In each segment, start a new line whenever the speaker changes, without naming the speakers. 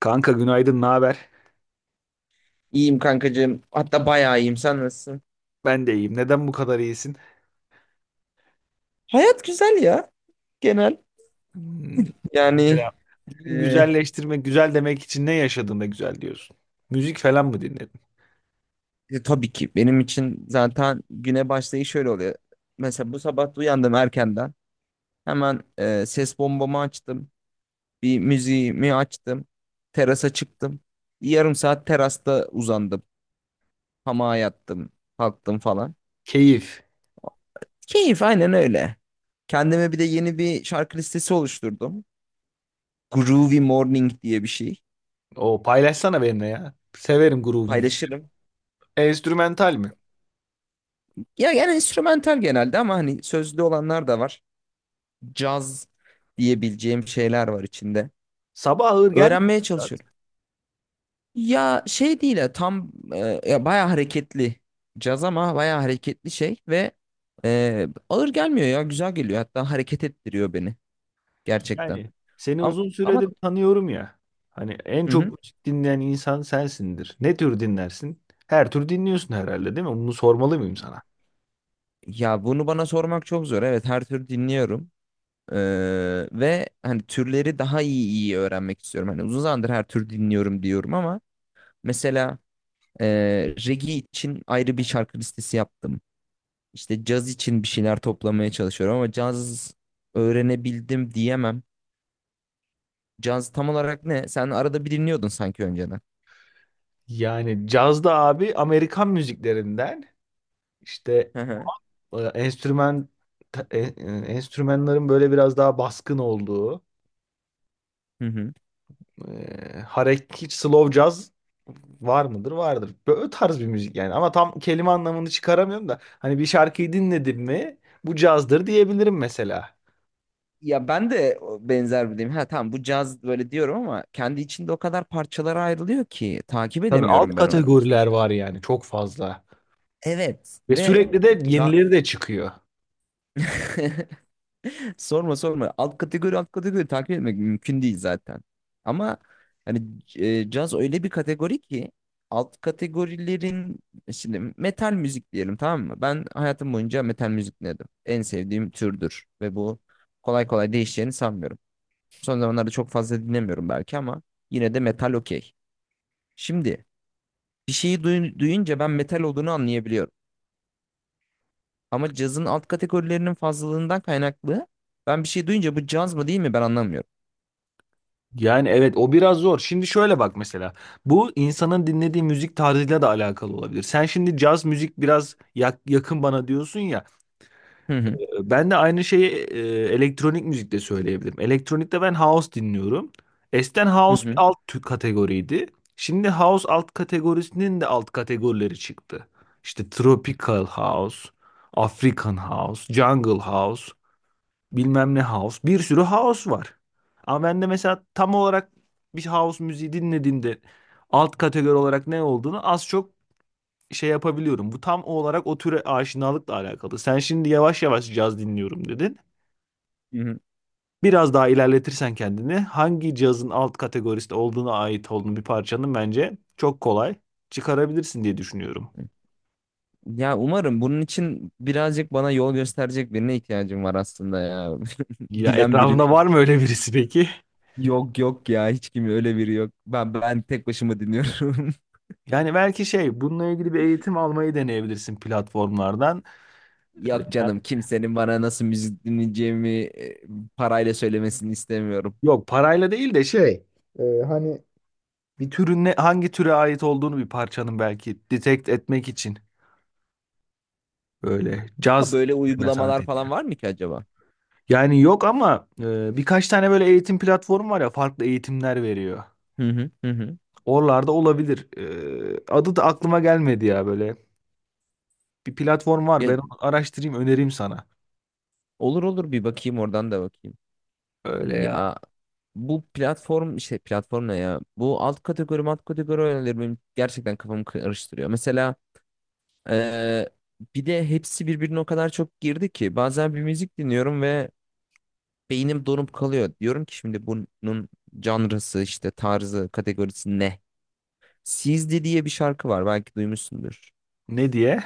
Kanka günaydın, ne haber?
İyiyim kankacığım. Hatta bayağı iyiyim. Sen nasılsın?
Ben de iyiyim. Neden bu kadar iyisin?
Hayat güzel ya. Genel.
Hmm,
Yani
Mesela bugün
e,
güzelleştirmek, güzel demek için ne yaşadığında güzel diyorsun? Müzik falan mı dinledin?
tabii ki benim için zaten güne başlayış şöyle oluyor. Mesela bu sabah uyandım erkenden. Hemen ses bombamı açtım. Bir müziğimi açtım. Terasa çıktım. Bir yarım saat terasta uzandım. Hamağa yattım. Kalktım falan.
Keyif.
Keyif, aynen öyle. Kendime bir de yeni bir şarkı listesi oluşturdum. Groovy Morning diye bir şey.
O paylaşsana benimle ya. Severim groove müzik.
Paylaşırım.
Enstrümental mi?
Ya yani instrumental genelde ama hani sözlü olanlar da var. Caz diyebileceğim şeyler var içinde.
Sabah ağır gelmiyor mu
Öğrenmeye
Sedat?
çalışıyorum. Ya şey değil ya tam ya bayağı hareketli caz ama bayağı hareketli şey ve ağır gelmiyor ya güzel geliyor hatta hareket ettiriyor beni gerçekten.
Yani seni
Ama,
uzun
ama
süredir tanıyorum ya. Hani en
hı
çok
hı.
müzik dinleyen insan sensindir. Ne tür dinlersin? Her tür dinliyorsun herhalde değil mi? Bunu sormalı mıyım sana?
Ya bunu bana sormak çok zor. Evet, her tür dinliyorum. E, Ve hani türleri daha iyi öğrenmek istiyorum. Hani uzun zamandır her tür dinliyorum diyorum ama mesela reggae için ayrı bir şarkı listesi yaptım. İşte caz için bir şeyler toplamaya çalışıyorum ama caz öğrenebildim diyemem. Caz tam olarak ne? Sen arada bir dinliyordun sanki önceden.
Yani cazda abi Amerikan müziklerinden İşte
Hı hı.
e, enstrüman ta- e, e, enstrümanların böyle biraz daha baskın olduğu
Hı hı.
hareket hiç slow jazz var mıdır? Vardır. Böyle tarz bir müzik yani ama tam kelime anlamını çıkaramıyorum da hani bir şarkıyı dinledim mi bu cazdır diyebilirim mesela.
Ya ben de o benzer bir deyim. Ha tamam, bu caz böyle diyorum ama kendi içinde o kadar parçalara ayrılıyor ki takip
Tabii alt
edemiyorum ben onu. İşte
kategoriler
mesela.
var yani çok fazla ve
Evet ve
sürekli de
ca
yenileri de çıkıyor.
sorma sorma. Alt kategori alt kategori takip etmek mümkün değil zaten. Ama hani caz öyle bir kategori ki alt kategorilerin, şimdi metal müzik diyelim, tamam mı? Ben hayatım boyunca metal müzik dinledim. En sevdiğim türdür ve bu kolay kolay değişeceğini sanmıyorum. Son zamanlarda çok fazla dinlemiyorum belki ama yine de metal okey. Şimdi bir şeyi duyunca ben metal olduğunu anlayabiliyorum. Ama cazın alt kategorilerinin fazlalığından kaynaklı, ben bir şey duyunca bu caz mı değil mi ben anlamıyorum.
Yani evet o biraz zor. Şimdi şöyle bak mesela. Bu insanın dinlediği müzik tarzıyla da alakalı olabilir. Sen şimdi caz müzik biraz yakın bana diyorsun ya. Ben de aynı şeyi elektronik müzikte söyleyebilirim. Elektronikte ben house dinliyorum. Eskiden
Hı
house bir
hı.
alt kategoriydi. Şimdi house alt kategorisinin de alt kategorileri çıktı. İşte tropical house, African house, jungle house bilmem ne house. Bir sürü house var. Ama ben de mesela tam olarak bir house müziği dinlediğimde alt kategori olarak ne olduğunu az çok şey yapabiliyorum. Bu tam olarak o türe aşinalıkla alakalı. Sen şimdi yavaş yavaş caz dinliyorum dedin.
Hı hı.
Biraz daha ilerletirsen kendini hangi cazın alt kategorisinde olduğuna ait olduğunu bir parçanın bence çok kolay çıkarabilirsin diye düşünüyorum.
Ya umarım, bunun için birazcık bana yol gösterecek birine ihtiyacım var aslında ya.
Ya
Bilen birine.
etrafında var mı öyle birisi peki?
Yok yok ya, hiç kim öyle biri yok. Ben tek başıma dinliyorum.
Yani belki şey bununla ilgili bir eğitim almayı deneyebilirsin platformlardan.
Yok canım, kimsenin bana nasıl müzik dinleyeceğimi parayla söylemesini istemiyorum.
Yok parayla değil de şey hani bir türün ne, hangi türe ait olduğunu bir parçanın belki detect etmek için böyle
Ha,
caz
böyle
üzerine sanat
uygulamalar falan
ediliyor.
var mı ki acaba?
Yani yok ama birkaç tane böyle eğitim platformu var ya farklı eğitimler veriyor.
Hı hı hı hı.
Oralarda olabilir. Adı da aklıma gelmedi ya böyle. Bir platform var
Ya,
ben onu araştırayım önereyim sana.
olur olur, bir bakayım, oradan da bakayım.
Öyle ya.
Ya, bu platform, işte platform ne ya? Bu alt kategori alt kategori oyunları benim gerçekten kafamı karıştırıyor. Mesela eee, bir de hepsi birbirine o kadar çok girdi ki bazen bir müzik dinliyorum ve beynim donup kalıyor. Diyorum ki şimdi bunun janrası, işte tarzı, kategorisi ne? Sizdi diye bir şarkı var, belki duymuşsundur.
Ne diye?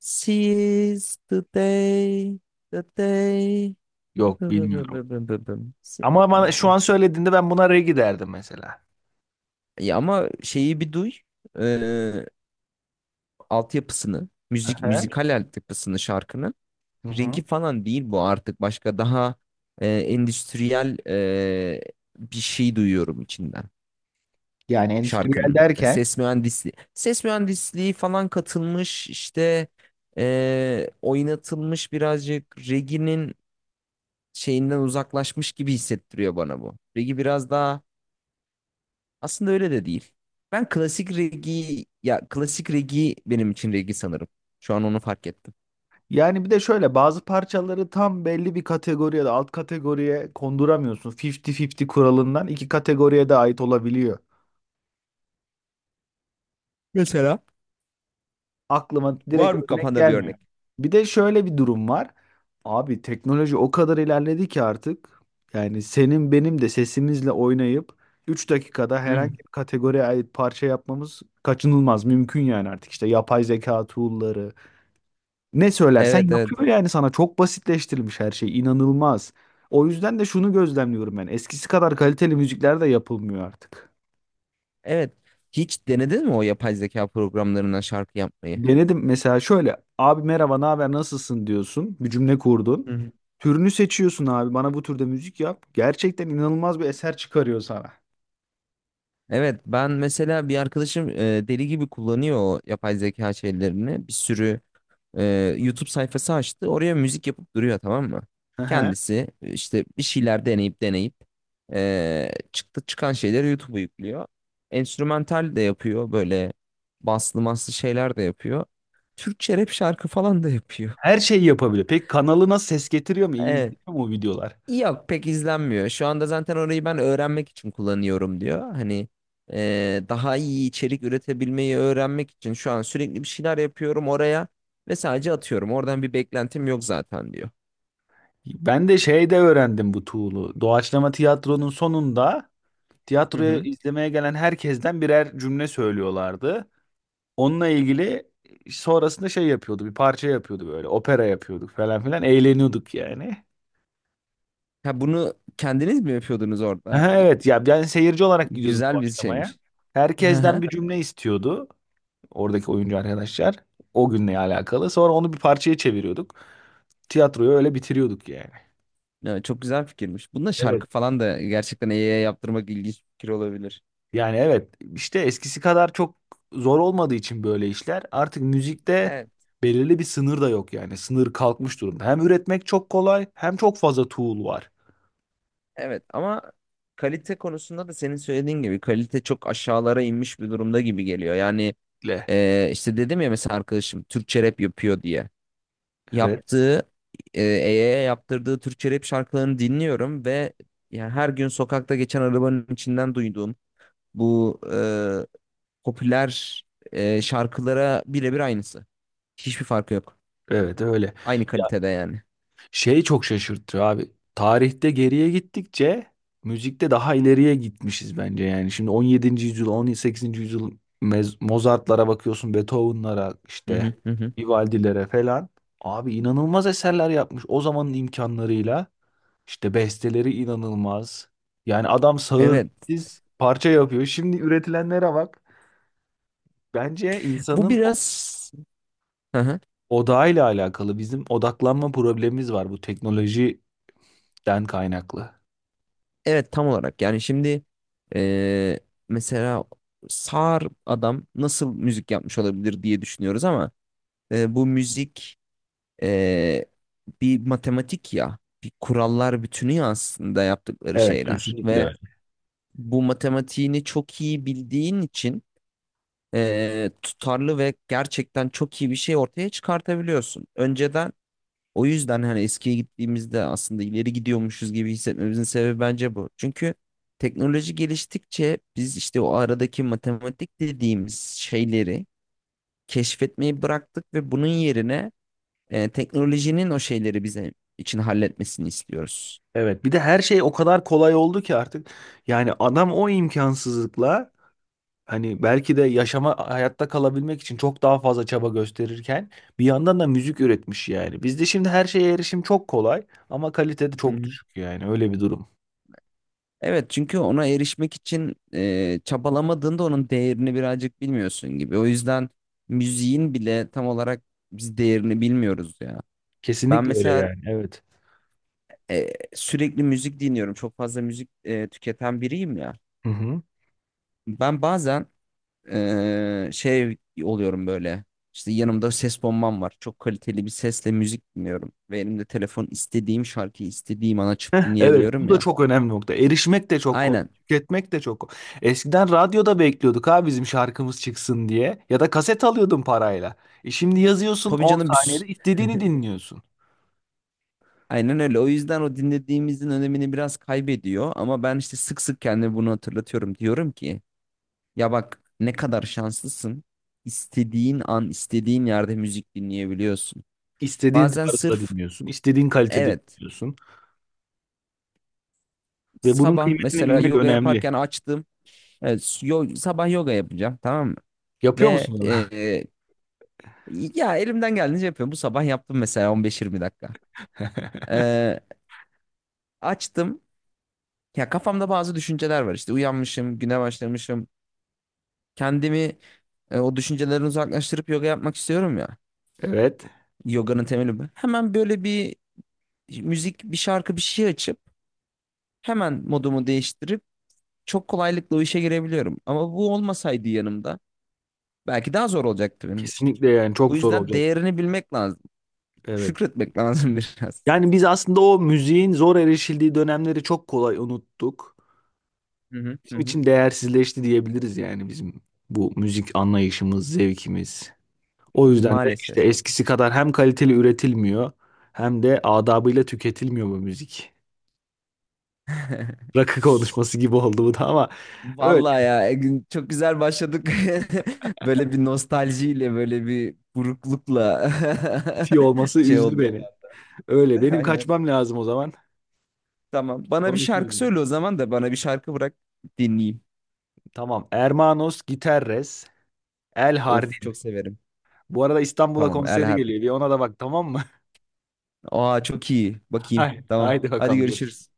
Seize the day, the day.
Yok bilmiyorum. Ama bana şu an söylediğinde ben buna regi derdim mesela.
Ya ama şeyi bir duy, altyapısını, müzikal altyapısını şarkının.
Hı hı.
Reggae falan değil bu artık, başka, daha endüstriyel, bir şey duyuyorum içinden
Yani endüstriyel
şarkının.
derken
Ses mühendisliği falan katılmış, işte oynatılmış birazcık, reggae'nin şeyinden uzaklaşmış gibi hissettiriyor bana bu. Reggae biraz daha, aslında öyle de değil. Ben klasik reggae, ya klasik reggae benim için reggae sanırım. Şu an onu fark ettim.
yani bir de şöyle bazı parçaları tam belli bir kategoriye de alt kategoriye konduramıyorsun. 50-50 kuralından iki kategoriye de ait olabiliyor.
Mesela?
Aklıma direkt
Var mı
örnek
kafanda bir
gelmiyor.
örnek?
Bir de şöyle bir durum var. Abi teknoloji o kadar ilerledi ki artık yani senin benim de sesimizle oynayıp 3 dakikada
Hı
herhangi
hı.
bir kategoriye ait parça yapmamız kaçınılmaz mümkün yani artık işte yapay zeka tool'ları ne söylersen
Evet evet.
yapıyor yani sana çok basitleştirilmiş her şey inanılmaz. O yüzden de şunu gözlemliyorum ben. Eskisi kadar kaliteli müzikler de yapılmıyor artık.
Evet. Hiç denedin mi o yapay zeka programlarından şarkı yapmayı?
Denedim mesela şöyle abi merhaba ne haber nasılsın diyorsun bir cümle kurdun.
Hı hı.
Türünü seçiyorsun abi bana bu türde müzik yap. Gerçekten inanılmaz bir eser çıkarıyor sana.
Evet, ben mesela bir arkadaşım deli gibi kullanıyor o yapay zeka şeylerini. Bir sürü e, YouTube sayfası açtı. Oraya müzik yapıp duruyor, tamam mı?
Hı hı.
Kendisi işte bir şeyler deneyip deneyip e, çıktı çıkan şeyleri YouTube'a yüklüyor. Enstrümantal de yapıyor, böyle baslı maslı şeyler de yapıyor. Türkçe rap şarkı falan da yapıyor.
Her şeyi yapabiliyor. Peki kanalına ses getiriyor mu? İyi
Evet.
izliyor mu o videolar?
Yok, pek izlenmiyor. Şu anda zaten orayı ben öğrenmek için kullanıyorum diyor. Hani daha iyi içerik üretebilmeyi öğrenmek için şu an sürekli bir şeyler yapıyorum oraya ve sadece atıyorum. Oradan bir beklentim yok zaten diyor.
Ben de şeyde öğrendim bu tool'u. Doğaçlama tiyatronun sonunda
Hı
tiyatroya
hı.
izlemeye gelen herkesten birer cümle söylüyorlardı. Onunla ilgili sonrasında şey yapıyordu, bir parça yapıyordu böyle, opera yapıyorduk falan filan, eğleniyorduk yani.
Ha, bunu kendiniz mi yapıyordunuz orada?
Aha, evet ya ben seyirci olarak gidiyordum
Güzel bir
doğaçlamaya.
şeymiş. Hı
Herkesten
hı.
bir cümle istiyordu oradaki oyuncu arkadaşlar. O günle alakalı. Sonra onu bir parçaya çeviriyorduk. Tiyatroyu öyle bitiriyorduk yani.
Evet, çok güzel fikirmiş. Bunda
Evet.
şarkı falan da gerçekten AI'ye yaptırmak ilginç bir fikir olabilir.
Yani evet işte eskisi kadar çok zor olmadığı için böyle işler artık müzikte
Evet,
belirli bir sınır da yok yani sınır kalkmış durumda. Hem üretmek çok kolay hem çok fazla tool var.
evet ama kalite konusunda da senin söylediğin gibi kalite çok aşağılara inmiş bir durumda gibi geliyor. Yani
Le.
İşte dedim ya, mesela arkadaşım Türkçe rap yapıyor diye.
Evet
Yaptığı, EY'ye yaptırdığı Türkçe rap şarkılarını dinliyorum ve yani her gün sokakta geçen arabanın içinden duyduğum bu popüler şarkılara birebir aynısı. Hiçbir farkı yok.
evet öyle.
Aynı
Ya
kalitede yani.
şey çok şaşırtıyor abi tarihte geriye gittikçe müzikte daha ileriye gitmişiz bence yani. Şimdi 17. yüzyıl 18. yüzyıl Mozart'lara bakıyorsun Beethoven'lara
Hı hı
işte
hı hı.
Vivaldi'lere falan. Abi inanılmaz eserler yapmış o zamanın imkanlarıyla. İşte besteleri inanılmaz. Yani adam sağır
Evet.
siz parça yapıyor. Şimdi üretilenlere bak. Bence
Bu
insanın
biraz, hı hı,
odağıyla alakalı. Bizim odaklanma problemimiz var bu teknolojiden kaynaklı.
evet tam olarak yani şimdi e, mesela sağır adam nasıl müzik yapmış olabilir diye düşünüyoruz ama bu müzik e, bir matematik ya. Bir kurallar bütünü ya aslında yaptıkları
Evet,
şeyler.
kesinlikle
Ve
öyle.
bu matematiğini çok iyi bildiğin için tutarlı ve gerçekten çok iyi bir şey ortaya çıkartabiliyorsun. Önceden, o yüzden hani eskiye gittiğimizde aslında ileri gidiyormuşuz gibi hissetmemizin sebebi bence bu. Çünkü teknoloji geliştikçe biz işte o aradaki matematik dediğimiz şeyleri keşfetmeyi bıraktık ve bunun yerine teknolojinin o şeyleri bize için halletmesini istiyoruz.
Evet, bir de her şey o kadar kolay oldu ki artık. Yani adam o imkansızlıkla hani belki de yaşama hayatta kalabilmek için çok daha fazla çaba gösterirken bir yandan da müzik üretmiş yani. Bizde şimdi her şeye erişim çok kolay ama kalitede
Hı
çok
hı.
düşük yani öyle bir durum.
Evet, çünkü ona erişmek için çabalamadığında onun değerini birazcık bilmiyorsun gibi. O yüzden müziğin bile tam olarak biz değerini bilmiyoruz ya. Ben
Kesinlikle öyle
mesela
yani. Evet.
sürekli müzik dinliyorum. Çok fazla müzik tüketen biriyim ya.
Hı hı.
Ben bazen şey oluyorum böyle. İşte yanımda ses bombam var. Çok kaliteli bir sesle müzik dinliyorum. Ve elimde telefon, istediğim şarkıyı istediğim an açıp
Heh, evet. Bu
dinleyebiliyorum
da
ya.
çok önemli nokta. Erişmek de çok kolay.
Aynen.
Tüketmek de çok kolay. Eskiden radyoda bekliyorduk ha bizim şarkımız çıksın diye. Ya da kaset alıyordun parayla. E şimdi yazıyorsun
Tabii
on
canım, biz
saniyede istediğini dinliyorsun.
aynen öyle. O yüzden o dinlediğimizin önemini biraz kaybediyor. Ama ben işte sık sık kendime bunu hatırlatıyorum. Diyorum ki ya bak, ne kadar şanslısın. İstediğin an, istediğin yerde müzik dinleyebiliyorsun.
İstediğin
Bazen
tarzda
sırf,
dinliyorsun. İstediğin kalitede
evet,
dinliyorsun. Ve bunun
sabah
kıymetini
mesela
bilmek
yoga
önemli.
yaparken açtım. Evet, sabah yoga yapacağım, tamam mı?
Yapıyor
Ve
musun onu?
ya elimden geldiğince yapıyorum. Bu sabah yaptım mesela 15-20 dakika. E, Açtım. Ya kafamda bazı düşünceler var, işte uyanmışım, güne başlamışım. Kendimi o düşüncelerden uzaklaştırıp yoga yapmak istiyorum ya.
Evet.
Yoganın temeli bu. Hemen böyle bir müzik, bir şarkı, bir şey açıp hemen modumu değiştirip çok kolaylıkla o işe girebiliyorum. Ama bu olmasaydı yanımda, belki daha zor olacaktı benim için.
Kesinlikle yani
Bu
çok zor
yüzden
olacak.
değerini bilmek lazım.
Evet.
Şükretmek lazım biraz.
Yani biz aslında o müziğin zor erişildiği dönemleri çok kolay unuttuk.
Hı hı hı
Bizim
hı.
için değersizleşti diyebiliriz yani bizim bu müzik anlayışımız, zevkimiz. O yüzden de işte
Maalesef.
eskisi kadar hem kaliteli üretilmiyor hem de adabıyla tüketilmiyor bu müzik. Rakı konuşması gibi oldu bu da ama öyle
Vallahi ya Egün, çok güzel başladık. Böyle bir nostaljiyle, böyle bir buruklukla
bitiyor olması
şey
üzdü
oldu.
beni. Öyle benim
Aynen.
kaçmam lazım o zaman.
Tamam. Bana bir
Konuşuruz
şarkı
yine.
söyle o zaman, da bana bir şarkı bırak dinleyeyim.
Tamam. Hermanos Gitarres El
Of,
Hardin.
çok severim.
Bu arada İstanbul'a
Tamam, El
konseri
Harbi.
geliyor. Bir ona da bak tamam mı?
Aa, çok iyi. Bakayım.
Haydi,
Tamam.
haydi
Hadi,
bakalım görüşürüz.
görüşürüz.